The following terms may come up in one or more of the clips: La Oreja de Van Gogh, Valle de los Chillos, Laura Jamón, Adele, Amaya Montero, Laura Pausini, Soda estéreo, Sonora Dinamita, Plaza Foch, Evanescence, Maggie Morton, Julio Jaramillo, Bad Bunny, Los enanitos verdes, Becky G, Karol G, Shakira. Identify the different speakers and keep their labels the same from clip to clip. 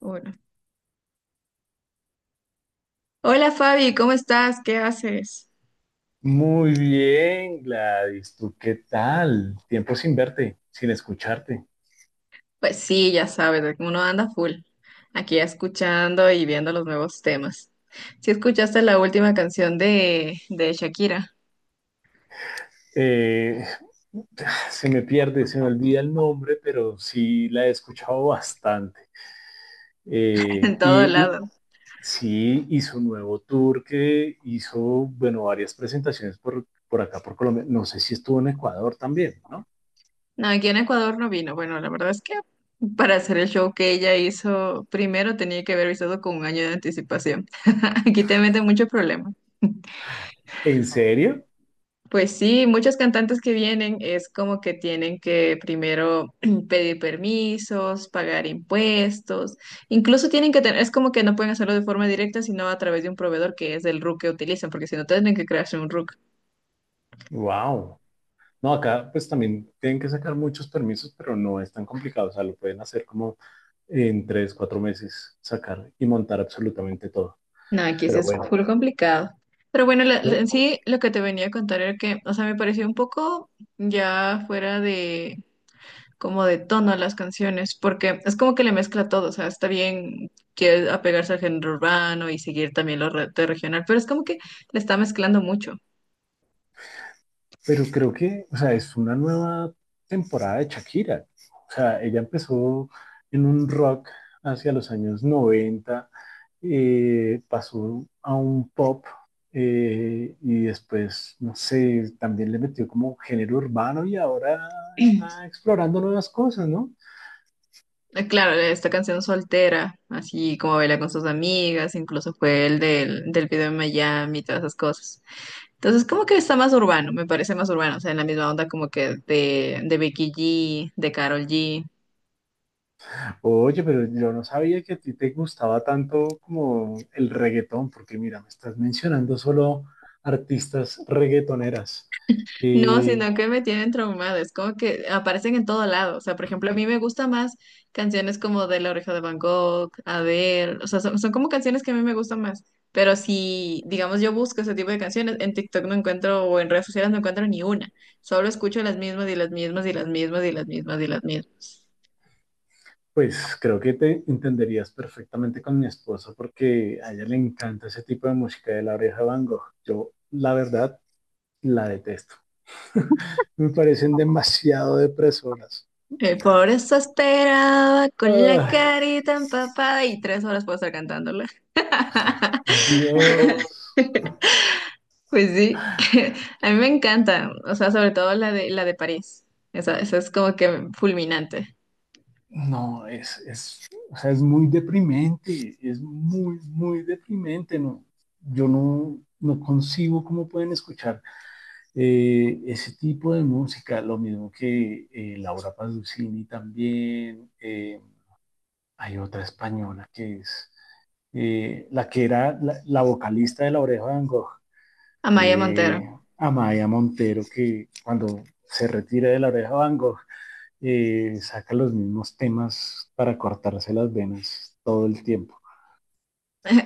Speaker 1: Hola. Hola Fabi, ¿cómo estás? ¿Qué haces?
Speaker 2: Muy bien, Gladys, ¿tú qué tal? Tiempo sin verte, sin escucharte.
Speaker 1: Pues sí, ya sabes, de que uno anda full, aquí escuchando y viendo los nuevos temas. Si escuchaste la última canción de Shakira,
Speaker 2: Eh, se me pierde, se me olvida el nombre, pero sí la he escuchado bastante.
Speaker 1: en
Speaker 2: Eh,
Speaker 1: todo
Speaker 2: y, y
Speaker 1: lado.
Speaker 2: sí hizo un nuevo tour que hizo, bueno, varias presentaciones por acá, por Colombia. No sé si estuvo en Ecuador también, ¿no?
Speaker 1: No, aquí en Ecuador no vino. Bueno, la verdad es que para hacer el show que ella hizo, primero tenía que haber avisado con un año de anticipación. Aquí te meten muchos problemas.
Speaker 2: ¿En serio?
Speaker 1: Pues sí, muchos cantantes que vienen es como que tienen que primero pedir permisos, pagar impuestos, incluso tienen que tener, es como que no pueden hacerlo de forma directa, sino a través de un proveedor que es el RUC que utilizan, porque si no tienen que crearse un RUC.
Speaker 2: Wow. No, acá pues también tienen que sacar muchos permisos, pero no es tan complicado. O sea, lo pueden hacer como en 3, 4 meses, sacar y montar absolutamente todo.
Speaker 1: No, aquí sí
Speaker 2: Pero
Speaker 1: es
Speaker 2: bueno,
Speaker 1: full complicado. Pero bueno, en
Speaker 2: yo-
Speaker 1: sí lo que te venía a contar era que, o sea, me pareció un poco ya fuera como de tono a las canciones, porque es como que le mezcla todo, o sea, está bien que apegarse al género urbano y seguir también de regional, pero es como que le está mezclando mucho.
Speaker 2: pero creo que, o sea, es una nueva temporada de Shakira. O sea, ella empezó en un rock hacia los años 90, pasó a un pop y después, no sé, también le metió como género urbano y ahora está explorando nuevas cosas, ¿no?
Speaker 1: Claro, esta canción soltera, así como baila con sus amigas, incluso fue el del video en Miami y todas esas cosas. Entonces, como que está más urbano, me parece más urbano, o sea, en la misma onda como que de Becky G, de Karol G.
Speaker 2: Oye, pero yo no sabía que a ti te gustaba tanto como el reggaetón, porque mira, me estás mencionando solo artistas reggaetoneras.
Speaker 1: No,
Speaker 2: Y
Speaker 1: sino que me tienen traumada, es como que aparecen en todo lado, o sea, por ejemplo, a mí me gusta más canciones como de La Oreja de Van Gogh, Adele, o sea, son como canciones que a mí me gustan más, pero si, digamos, yo busco ese tipo de canciones, en TikTok no encuentro o en redes sociales no encuentro ni una, solo escucho las mismas y las mismas y las mismas y las mismas y las mismas.
Speaker 2: pues creo que te entenderías perfectamente con mi esposa, porque a ella le encanta ese tipo de música de La Oreja de Van Gogh. Yo, la verdad, la detesto. Me parecen demasiado depresoras.
Speaker 1: Por eso esperaba con la
Speaker 2: Ay,
Speaker 1: carita empapada y tres horas puedo estar cantándola.
Speaker 2: Dios.
Speaker 1: Pues sí, a mí me encanta, o sea, sobre todo la de París, esa es como que fulminante.
Speaker 2: No, es, o sea, es muy deprimente, es muy, muy deprimente, ¿no? Yo no concibo cómo pueden escuchar ese tipo de música, lo mismo que Laura Pausini también, hay otra española que es la que era la vocalista de La Oreja de Van Gogh,
Speaker 1: Amaya Montero.
Speaker 2: eh, Amaya Montero, que cuando se retira de La Oreja de Van Gogh, saca los mismos temas para cortarse las venas todo el tiempo.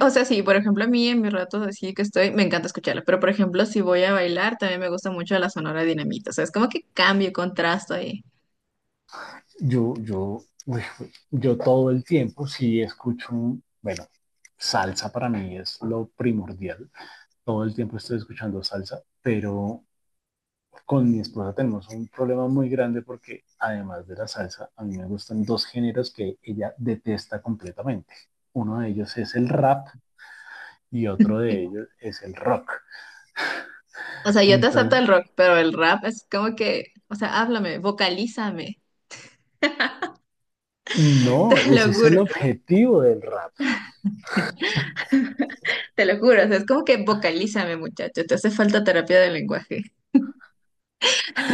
Speaker 1: O sea, sí, por ejemplo, a mí en mis ratos así que estoy, me encanta escucharla, pero por ejemplo, si voy a bailar, también me gusta mucho la Sonora Dinamita, o sea, es como que cambio, contrasto ahí.
Speaker 2: Yo, yo, yo todo el tiempo sí escucho, bueno, salsa para mí es lo primordial. Todo el tiempo estoy escuchando salsa, pero con mi esposa tenemos un problema muy grande porque además de la salsa, a mí me gustan dos géneros que ella detesta completamente. Uno de ellos es el rap y otro de ellos es el rock.
Speaker 1: O sea, yo te acepto
Speaker 2: Entonces,
Speaker 1: el rock, pero el rap es como que, o sea, háblame, vocalízame. Te
Speaker 2: no, ese
Speaker 1: lo
Speaker 2: es el
Speaker 1: juro,
Speaker 2: objetivo del rap.
Speaker 1: te lo juro. O sea, es como que vocalízame, muchacho. Te hace falta terapia del lenguaje.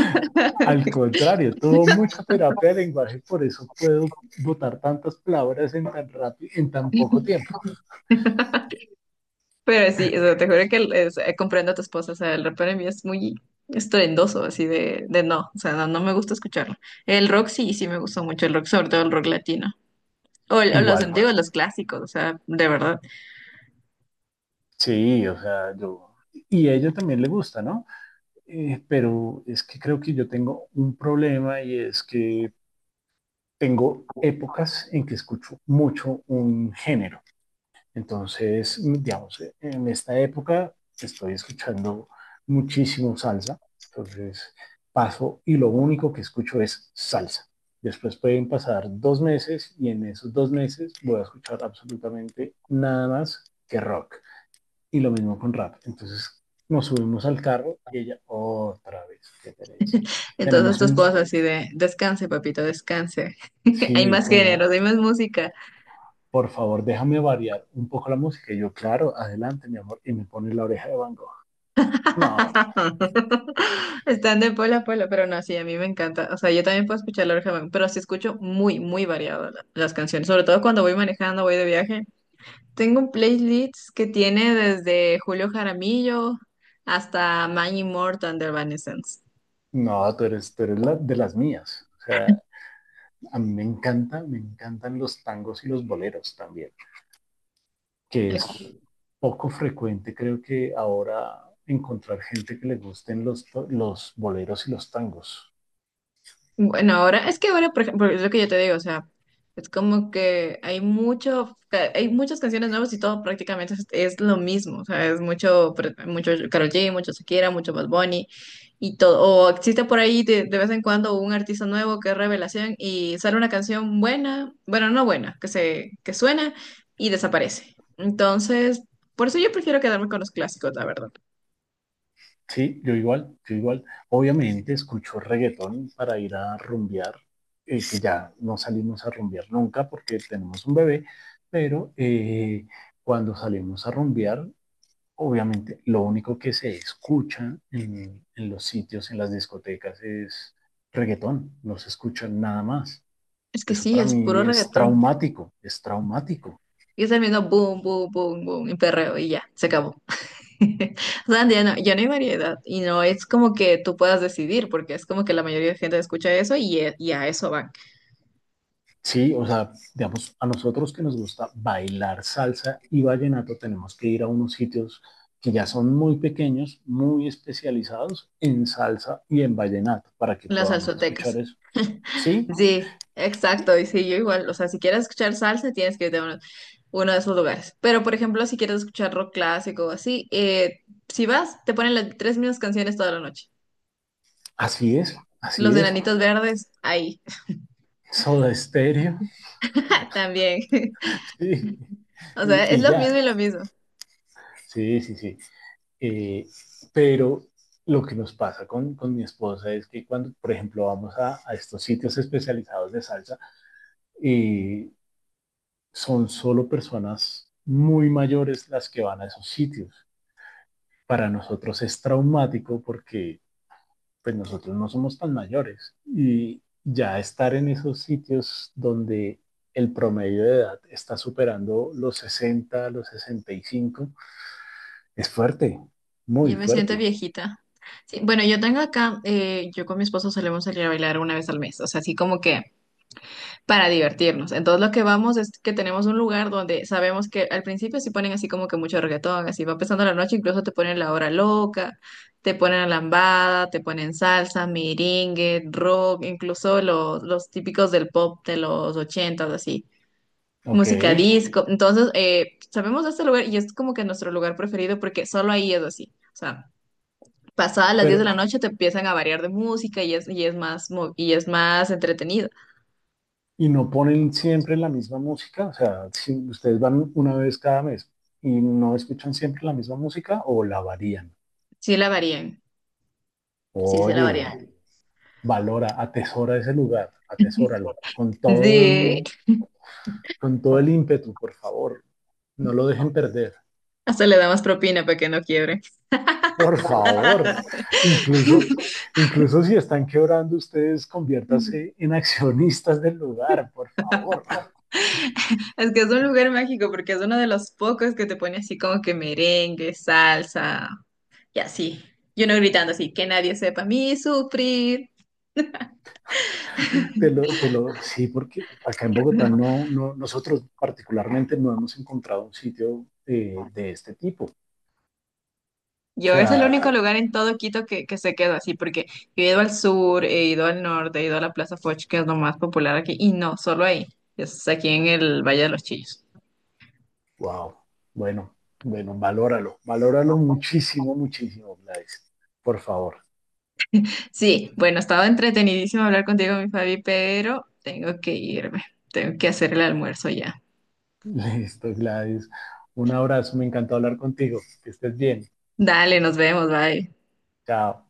Speaker 2: Al contrario, tuvo mucha terapia de lenguaje, por eso puedo botar tantas palabras en tan rápido, en tan poco tiempo.
Speaker 1: Pero sí, o sea, te juro que o sea, comprendo a tu esposa. O sea, el rap para mí es muy estruendoso, así de no. O sea, no, no me gusta escucharlo. El rock sí, sí me gustó mucho el rock, sobre todo el rock latino. O, o los
Speaker 2: Igual,
Speaker 1: antiguos, los clásicos, o sea, de verdad.
Speaker 2: sí, o sea, yo y a ella también le gusta, ¿no? Pero es que creo que yo tengo un problema y es que tengo épocas en que escucho mucho un género. Entonces, digamos, en esta época estoy escuchando muchísimo salsa, entonces paso y lo único que escucho es salsa. Después pueden pasar 2 meses y en esos 2 meses voy a escuchar absolutamente nada más que rock. Y lo mismo con rap. Entonces nos subimos al carro y ella otra vez, qué pereza.
Speaker 1: Entonces
Speaker 2: Tenemos
Speaker 1: tu esposa
Speaker 2: un,
Speaker 1: así de, descanse, papito, descanse. Hay
Speaker 2: sí,
Speaker 1: más
Speaker 2: como,
Speaker 1: géneros, hay más música.
Speaker 2: por favor, déjame variar un poco la música. Y yo, claro, adelante, mi amor. Y me pone la oreja de Van Gogh. No,
Speaker 1: Están de polo a polo, pero no, sí, a mí me encanta. O sea, yo también puedo escuchar Laura Jamón, pero sí escucho muy, muy variado las canciones, sobre todo cuando voy manejando, voy de viaje. Tengo un playlist que tiene desde Julio Jaramillo hasta Maggie Morton de Evanescence.
Speaker 2: no, tú eres de las mías. O sea, a mí me encanta, me encantan los tangos y los boleros también, que es poco frecuente, creo que ahora encontrar gente que le gusten los boleros y los tangos.
Speaker 1: Bueno, ahora, es que ahora, por ejemplo, es lo que yo te digo, o sea, es como que hay mucho, hay muchas canciones nuevas y todo prácticamente es lo mismo, o sea, es mucho, mucho Karol G, mucho Shakira, mucho Bad Bunny y todo, o existe por ahí de vez en cuando un artista nuevo que es revelación y sale una canción buena, bueno, no buena, que se, que suena y desaparece. Entonces, por eso yo prefiero quedarme con los clásicos, la verdad.
Speaker 2: Sí, yo igual, yo igual. Obviamente escucho reggaetón para ir a rumbear, que ya no salimos a rumbear nunca porque tenemos un bebé, pero cuando salimos a rumbear obviamente lo único que se escucha en los sitios, en las discotecas, es reggaetón, no se escucha nada más.
Speaker 1: Es que
Speaker 2: Eso
Speaker 1: sí,
Speaker 2: para
Speaker 1: es puro
Speaker 2: mí es
Speaker 1: reggaetón.
Speaker 2: traumático, es traumático.
Speaker 1: Y es el mismo boom, boom, boom, boom, y perreo y ya, se acabó. O sea, ya no, ya no hay variedad y no es como que tú puedas decidir, porque es como que la mayoría de gente escucha eso y, y a eso van
Speaker 2: Sí, o sea, digamos, a nosotros que nos gusta bailar salsa y vallenato, tenemos que ir a unos sitios que ya son muy pequeños, muy especializados en salsa y en vallenato, para que
Speaker 1: las
Speaker 2: podamos escuchar
Speaker 1: salsotecas.
Speaker 2: eso. Sí,
Speaker 1: Sí, exacto, y sí, yo igual, o sea, si quieres escuchar salsa, tienes que irte a uno, uno de esos lugares. Pero, por ejemplo, si quieres escuchar rock clásico o así, si vas, te ponen las tres mismas canciones toda la noche.
Speaker 2: así es,
Speaker 1: Los
Speaker 2: así es.
Speaker 1: enanitos verdes, ahí,
Speaker 2: Soda Estéreo,
Speaker 1: también.
Speaker 2: sí.
Speaker 1: O sea,
Speaker 2: Y,
Speaker 1: es
Speaker 2: y
Speaker 1: lo
Speaker 2: ya.
Speaker 1: mismo y lo mismo.
Speaker 2: Sí, sí, sí. Eh, pero lo que nos pasa con mi esposa es que cuando, por ejemplo, vamos a estos sitios especializados de salsa, eh, son solo personas muy mayores las que van a esos sitios. Para nosotros es traumático porque pues nosotros no somos tan mayores y ya estar en esos sitios donde el promedio de edad está superando los 60, los 65 es fuerte, muy
Speaker 1: Yo me siento
Speaker 2: fuerte.
Speaker 1: viejita. Sí, bueno, yo tengo acá, yo con mi esposo solemos salir a bailar una vez al mes, o sea, así como que para divertirnos. Entonces lo que vamos es que tenemos un lugar donde sabemos que al principio sí ponen así como que mucho reggaetón, así va empezando la noche, incluso te ponen la hora loca, te ponen lambada, te ponen salsa, merengue, rock, incluso los típicos del pop de los ochentas, así
Speaker 2: Ok.
Speaker 1: música disco. Entonces, sabemos de este lugar y es como que nuestro lugar preferido porque solo ahí es así. O sea, pasadas las 10
Speaker 2: Pero,
Speaker 1: de la noche te empiezan a variar de música y es más, y es más entretenido.
Speaker 2: ¿Y no ponen siempre la misma música? O sea, si ustedes van una vez cada mes, y ¿no escuchan siempre la misma música o la varían?
Speaker 1: Sí la varían, sí se la
Speaker 2: Oye,
Speaker 1: varían.
Speaker 2: valora, atesora ese lugar, atesóralo
Speaker 1: Sí,
Speaker 2: con todo el ímpetu, por favor. No lo dejen perder,
Speaker 1: hasta le da más propina para que no quiebre.
Speaker 2: por favor. Incluso, incluso si están quebrando ustedes, conviértase en accionistas del lugar, por favor.
Speaker 1: Es que es un lugar mágico porque es uno de los pocos que te pone así como que merengue, salsa y así. Y uno gritando así, que nadie sepa a mí sufrir.
Speaker 2: Sí, porque acá en Bogotá no, no, nosotros particularmente no hemos encontrado un sitio de este tipo. O
Speaker 1: Yo es el
Speaker 2: sea,
Speaker 1: único lugar en todo Quito que se quedó así, porque yo he ido al sur, he ido al norte, he ido a la Plaza Foch, que es lo más popular aquí, y no, solo ahí, es aquí en el Valle de los Chillos.
Speaker 2: wow, bueno, bueno, valóralo, valóralo muchísimo, muchísimo, Gladys. Por favor.
Speaker 1: Sí, bueno, estaba entretenidísimo hablar contigo, mi Fabi, pero tengo que irme, tengo que hacer el almuerzo ya.
Speaker 2: Listo, Gladys. Un abrazo, me encantó hablar contigo. Que estés bien.
Speaker 1: Dale, nos vemos, bye.
Speaker 2: Chao.